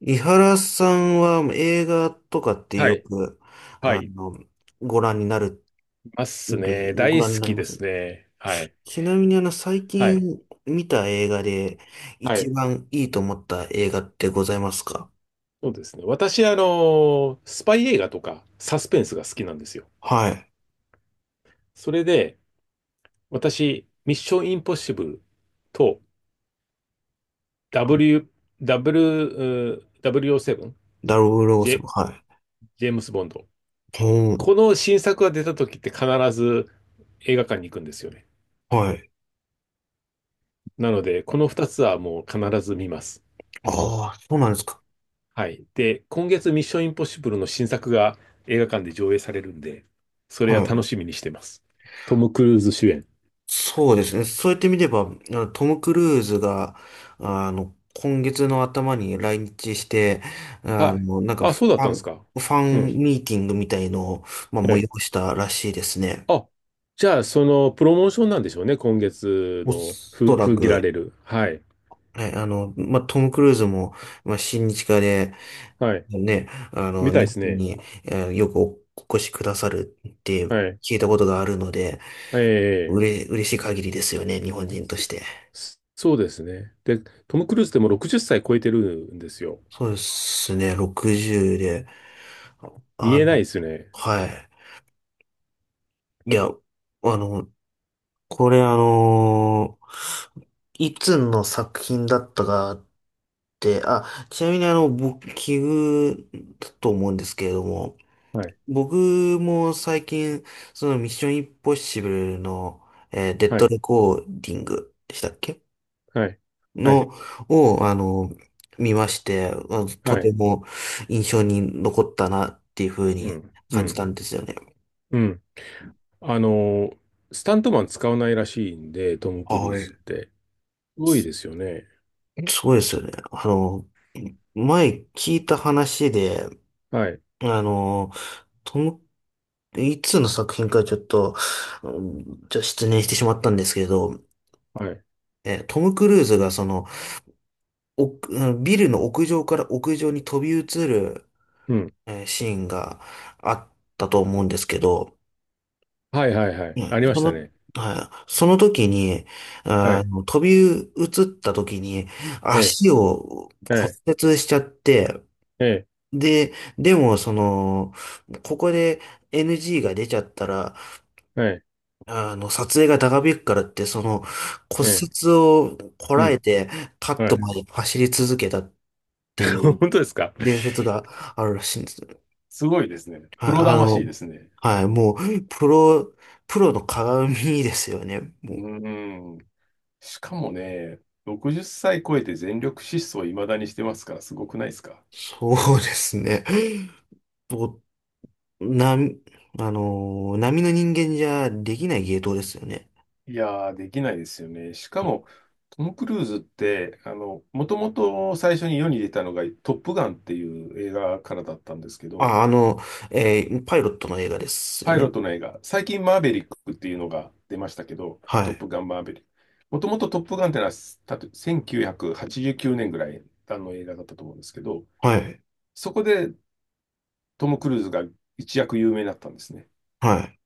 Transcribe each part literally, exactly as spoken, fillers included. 井原さんは映画とかってはよい。く、はあい。いの、ご覧になるますんで、ね。大ご覧に好なりきまです。すね。はい。ちなみにあの、最はい。近見た映画では一い。番いいと思った映画ってございますか？そうですね。私、あの、スパイ映画とかサスペンスが好きなんですよ。はい。それで、私、ミッションインポッシブルと W、W、うー ダブルオーセブン、ゼロブジェ、セブン。はジェームス・ボンド。い。うこん、の新作が出た時って必ず映画館に行くんですよね。はい。なので、このふたつはもう必ず見ます。ああ、そうなんですか。はい。で、今月ミッションインポッシブルの新作が映画館で上映されるんで、そはれはい。楽しみにしてます。トム・クルーズ主演。そうですね。そうやって見れば、あのトム・クルーズが、あの、今月の頭に来日して、あはい。の、なんかあ、フそうだっァたんでン、すフか？ァうンん。ミーティングみたいのを、まあ、は催い。したらしいですね。あ、じゃあ、その、プロモーションなんでしょうね。今月おの、ふ、そら封切られく、る。はい。はい、あの、まあ、トム・クルーズも、まあ、親日家で、はい。ね、あの、みたい日です本ね。に、えーよくお越しくださるってはい。聞いたことがあるので、えうえ、れ、嬉しい限りですよね、日本人として。そそうですね。で、トム・クルーズってもうろくじゅっさい超えてるんですよ。そうですね、ろくじゅうで。見あえないでの、すね。はい。いや、あの、これあのいつの作品だったかって、あ、ちなみにあの、僕、奇遇だと思うんですけれども、はい。僕も最近、そのミッションインポッシブルの、えーデッはドい。レコーディングでしたっけはい。はい。の、を、あの、見まして、まあのとはてい。も印象に残ったなっていうふううにん。う感じん。たんですよね。うん。あの、スタントマン使わないらしいんで、トム・クルーはズっい。て。すごいですよね。そうですよね。あの、前聞いた話で、はい、あの、トム、いつの作品かちょっと、うんちょっと失念してしまったんですけど、はい、え、トム・クルーズがその、お、うんビルの屋上から屋上に飛び移る、うん。えーシーンがあったと思うんですけど、はい、はい、はうい。んありまそしたの、ね。はい、その時に、はあい、の、飛び移った時にええ、足をは骨い、折しちゃって、ええ、で、でも、その、ここで エヌジー が出ちゃったら、はい、あの、撮影が長引くからって、その、え骨え、折をこうらえん、て、カッはトい。まで走り続けたって いう本当ですか？伝説があるらしいんです。すごいですね。はプい、ロあ魂での、すね。はい、もう、プロ、プロの鏡ですよね。うもう、ーん。しかもね、ろくじゅっさい超えて全力疾走いまだにしてますから、すごくないですか？そうですね。もう、な、あの、並の人間じゃできない芸当ですよね。いやー、できないですよね。しかも、トム・クルーズって、あの、もともと最初に世に出たのが、トップガンっていう映画からだったんですけど、あ、あの、えーパイロットの映画ですよパイロッね。トの映画、最近マーヴェリックっていうのが出ましたけど、はトッい。プガンマーヴェリック。もともとトップガンってのは、たとせんきゅうひゃくはちじゅうきゅうねんぐらいあの映画だったと思うんですけど、はい。そこでトム・クルーズが一躍有名になったんですね。はい。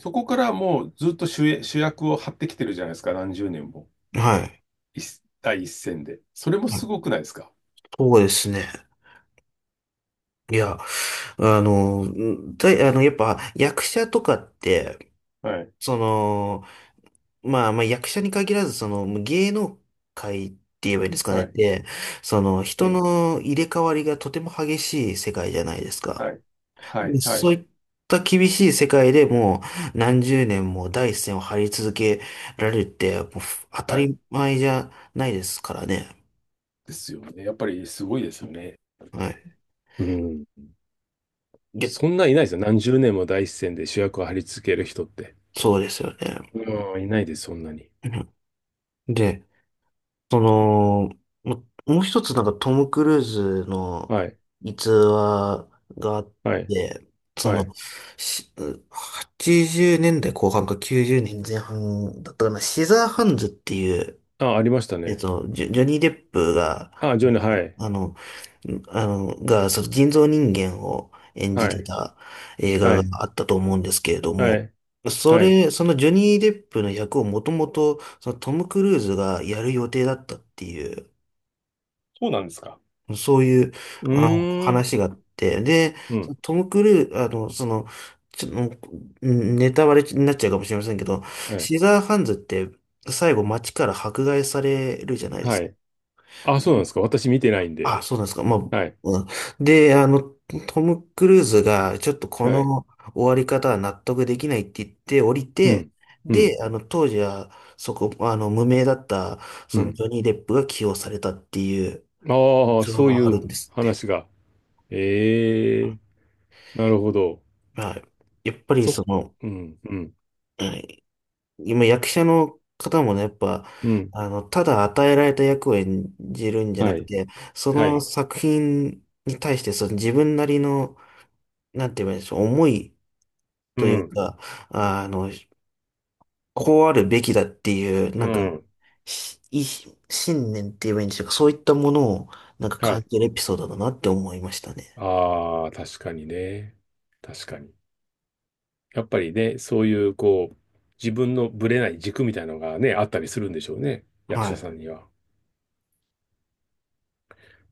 そこからもうずっと主演主役を張ってきてるじゃないですか、何十年も。はい。一第一線で。それもはすい、ごくないですか？そうですね。いや、あの、だ、あの、やっぱ役者とかって、はい。その、まあまあ役者に限らず、その芸能界って言えばいいんですかはねっい。て、そのえ人え。の入れ替わりがとても激しい世界じゃないですか。はい。はでい。はそうい。いった厳しい世界でもう何十年も第一線を張り続けられるって、もう当たはい。り前じゃないですからね。ですよね。やっぱりすごいですよね。はい。うん。で、そんないないですよ。何十年も第一線で主役を張り付ける人って。そうですよね。うん。いないです、そんなに。うんで、その、ももう一つなんかトム・クルーズのはい。逸話があっはい。て、そはの、い。しはちじゅうねんだいこう半かきゅうじゅうねんぜんはんだったかな、シザーハンズっていう、あ、ありましたえっね。と、ジョジョニー・デップが、あ、ジョニー、はい。あの、あの、が、その人造人間を演じはてい。た映は画い。があったと思うんですけれどはも、い。そはい。れ、そのジョニー・デップの役をもともと、そのトム・クルーズがやる予定だったっていう、そうなんですか？そういう、うあの、ーん。話があって、で、うそん。のトム・クルーズ、あの、その、ちょ、もうネタバレになっちゃうかもしれませんけど、はい。シザーハンズって最後街から迫害されるじゃないではすか。い。あ、そうなんですか？私見てないんで。あ、そうなんですか。まあ、はい。うんで、あの、トム・クルーズが、ちょっとこはい。の終わり方は納得できないって言って降りうて、ん。うん。で、あの、当時は、そこ、あの、無名だった、うそのジん。ョニー・デップが起用されたっていうああ、逸話そうがあいるうんですって。話が。ええ、なるほど。はい。やっぱりそそ、の、うん、うん、はい、今役者の方もね、やっぱ、うん。あの、ただ与えられた役を演じるんじゃなはくい、て、そはのい。作品に対して、その自分なりの、なんて言えばいいんでしょう、思い、うというん、か、あの、こうあるべきだっていう、うなんか、ん、しい信念って言えばいいんでしょうか、そういったものを、なんかは感い。じるエピソードだなって思いましたね。ああ、確かにね。確かに。やっぱりね、そういう、こう、自分のぶれない軸みたいなのがね、あったりするんでしょうね。役は者さい。んには。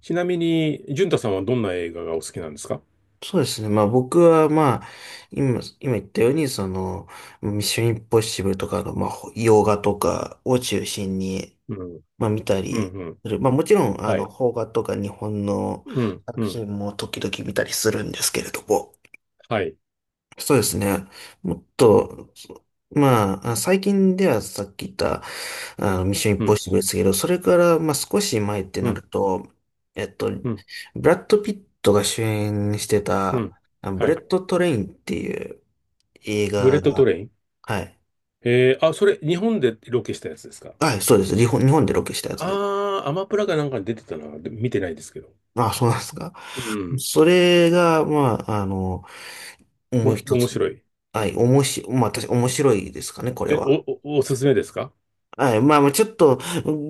ちなみに、淳太さんはどんな映画がお好きなんですか？そうですね。まあ僕はまあ、今、今言ったように、その、ミッションインポッシブルとかの、まあ、洋画とかを中心に、うん、まあ見たうりん、うん。する、まあもちろん、あはの、い。邦画とか日本のうん、う作ん、品も時々見たりするんですけれども、はい。そうですね。もっと、まあ、あ最近ではさっき言った、あの、ミッションインうポッん、シブルですけど、それから、まあ、少し前ってうなるん、と、えっと、うん、ブラッド・ピットが主演してうた、ん。あブはレい。ット・トレインっていう映ブレッ画トトが、レイン。はい。えー、あ、それ、日本でロケしたやつですか？はい、そうです。日本、日本でロケしたやつです。あー、アマプラかなんかに出てたな。で見てないですけど。あ、そうなんですか。うん。それが、まあ、あの、もうお、一面つ、白い。はい、おもし、まあ、私、面白いですかね、これえ、は。お、お、おすすめですか？はい。まあまあ、ちょっと、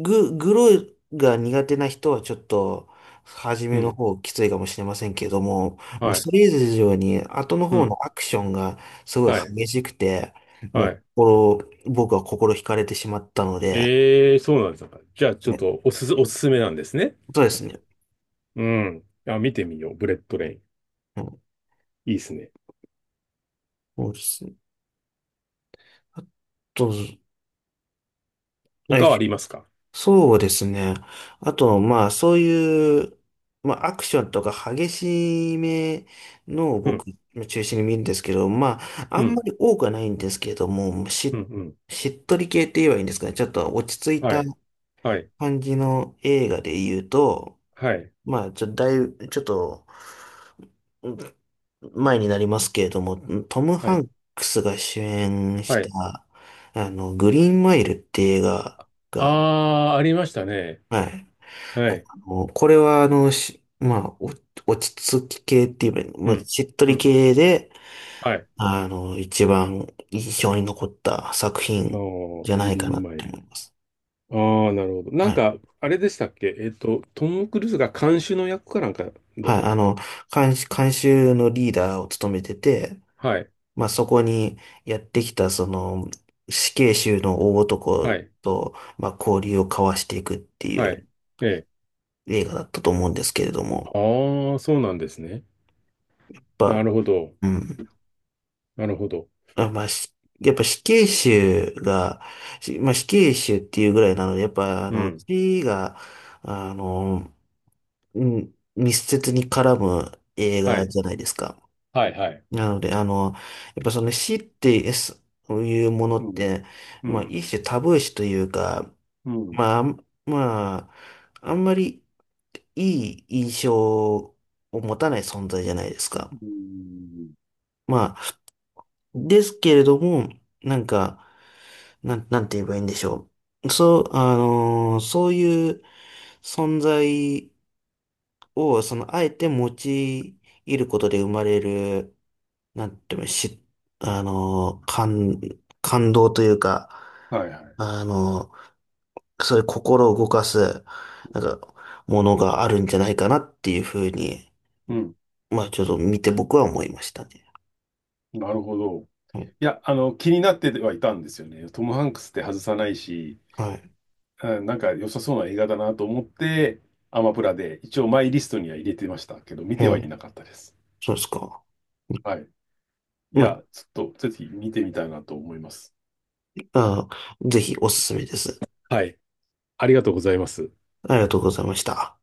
グ、グロが苦手な人はちょっと、初うめのん。方きついかもしれませんけども、まあはい。それ以上に、後のう方ん。のアクションがすごいはい。激しくて、もはうい。心、僕は心惹かれてしまったので、えー、そうなんですか？じゃあ、ちょはっい、と、おすす、おすすめなんですね。そうですね。うん。あ、見てみよう。ブレッドレイン。うん、いいですね。そうですね。あと、はい、他はありますか？そうですね。あと、まあ、そういう、まあ、アクションとか激しめのをう僕、ん。中心に見るんですけど、まあ、あうんまん。り多くはないんですけれども、うん。うし、ん。しっとり系って言えばいいんですかね。ちょっと落ち着いはたい。はい。感じの映画で言うと、はい。まあ、ちょ、だいぶ、ちょっと、うん前になりますけれども、トム・はハい。ンクスが主演しはい。た、あの、グリーンマイルって映画が、あー、ありましたね。はい。はい。もうこれは、あの、し、まあ、お落ち着き系って言えば、うまあ、ん。しっとうりん。系で、はい。あの、一番印象に残った作あの品じゃーグないかリーなンっマイてル。思います。ああ、なるほど。なはんい。か、あれでしたっけ？えっと、トム・クルーズが監修の役かなんかだ。はい。あの、監修、監修のリーダーを務めてて、はい、まあ、そこにやってきた、その、死刑囚の大は男い、と、まあ、交流を交わしていくっていはい。うええ。映画だったと思うんですけれども、ああ、そうなんですね。やっなぱ、るほど。うん。なるほど。あ、まあ、しやっぱ死刑囚が、しまあ、死刑囚っていうぐらいなので、やっぱ、あうの、ん。死が、あの、うん密接に絡む映は画い、じゃないですか。はい、はい。なので、あの、やっぱその死ってそういうものうっん、て、うまあ、ん、一種タブー視というか、うん。うまあ、あんまあ、あんまりいい印象を持たない存在じゃないですーか。ん。まあ、ですけれども、なんか、なん、なんて言えばいいんでしょう。そう、あのーそういう存在を、その、あえて用いることで生まれる、なんて言うの、し、あのー感、感動というか、はい、はい。あのーそういう心を動かす、なんか、ものがあるんじゃないかなっていうふうに、うん。まあ、ちょっと見て僕は思いましたね。なるほど。はい。いや、あの、気になってはいたんですよね。トム・ハンクスって外さないし、はい。うん、なんか良さそうな映画だなと思って、アマプラで一応マイリストには入れてましたけど、見うてはいん。なかったです。そうですか。はい。いまや、ちょっとぜひ見てみたいなと思います。あ、あー、ぜひおすすめです。はい。ありがとうございます。ありがとうございました。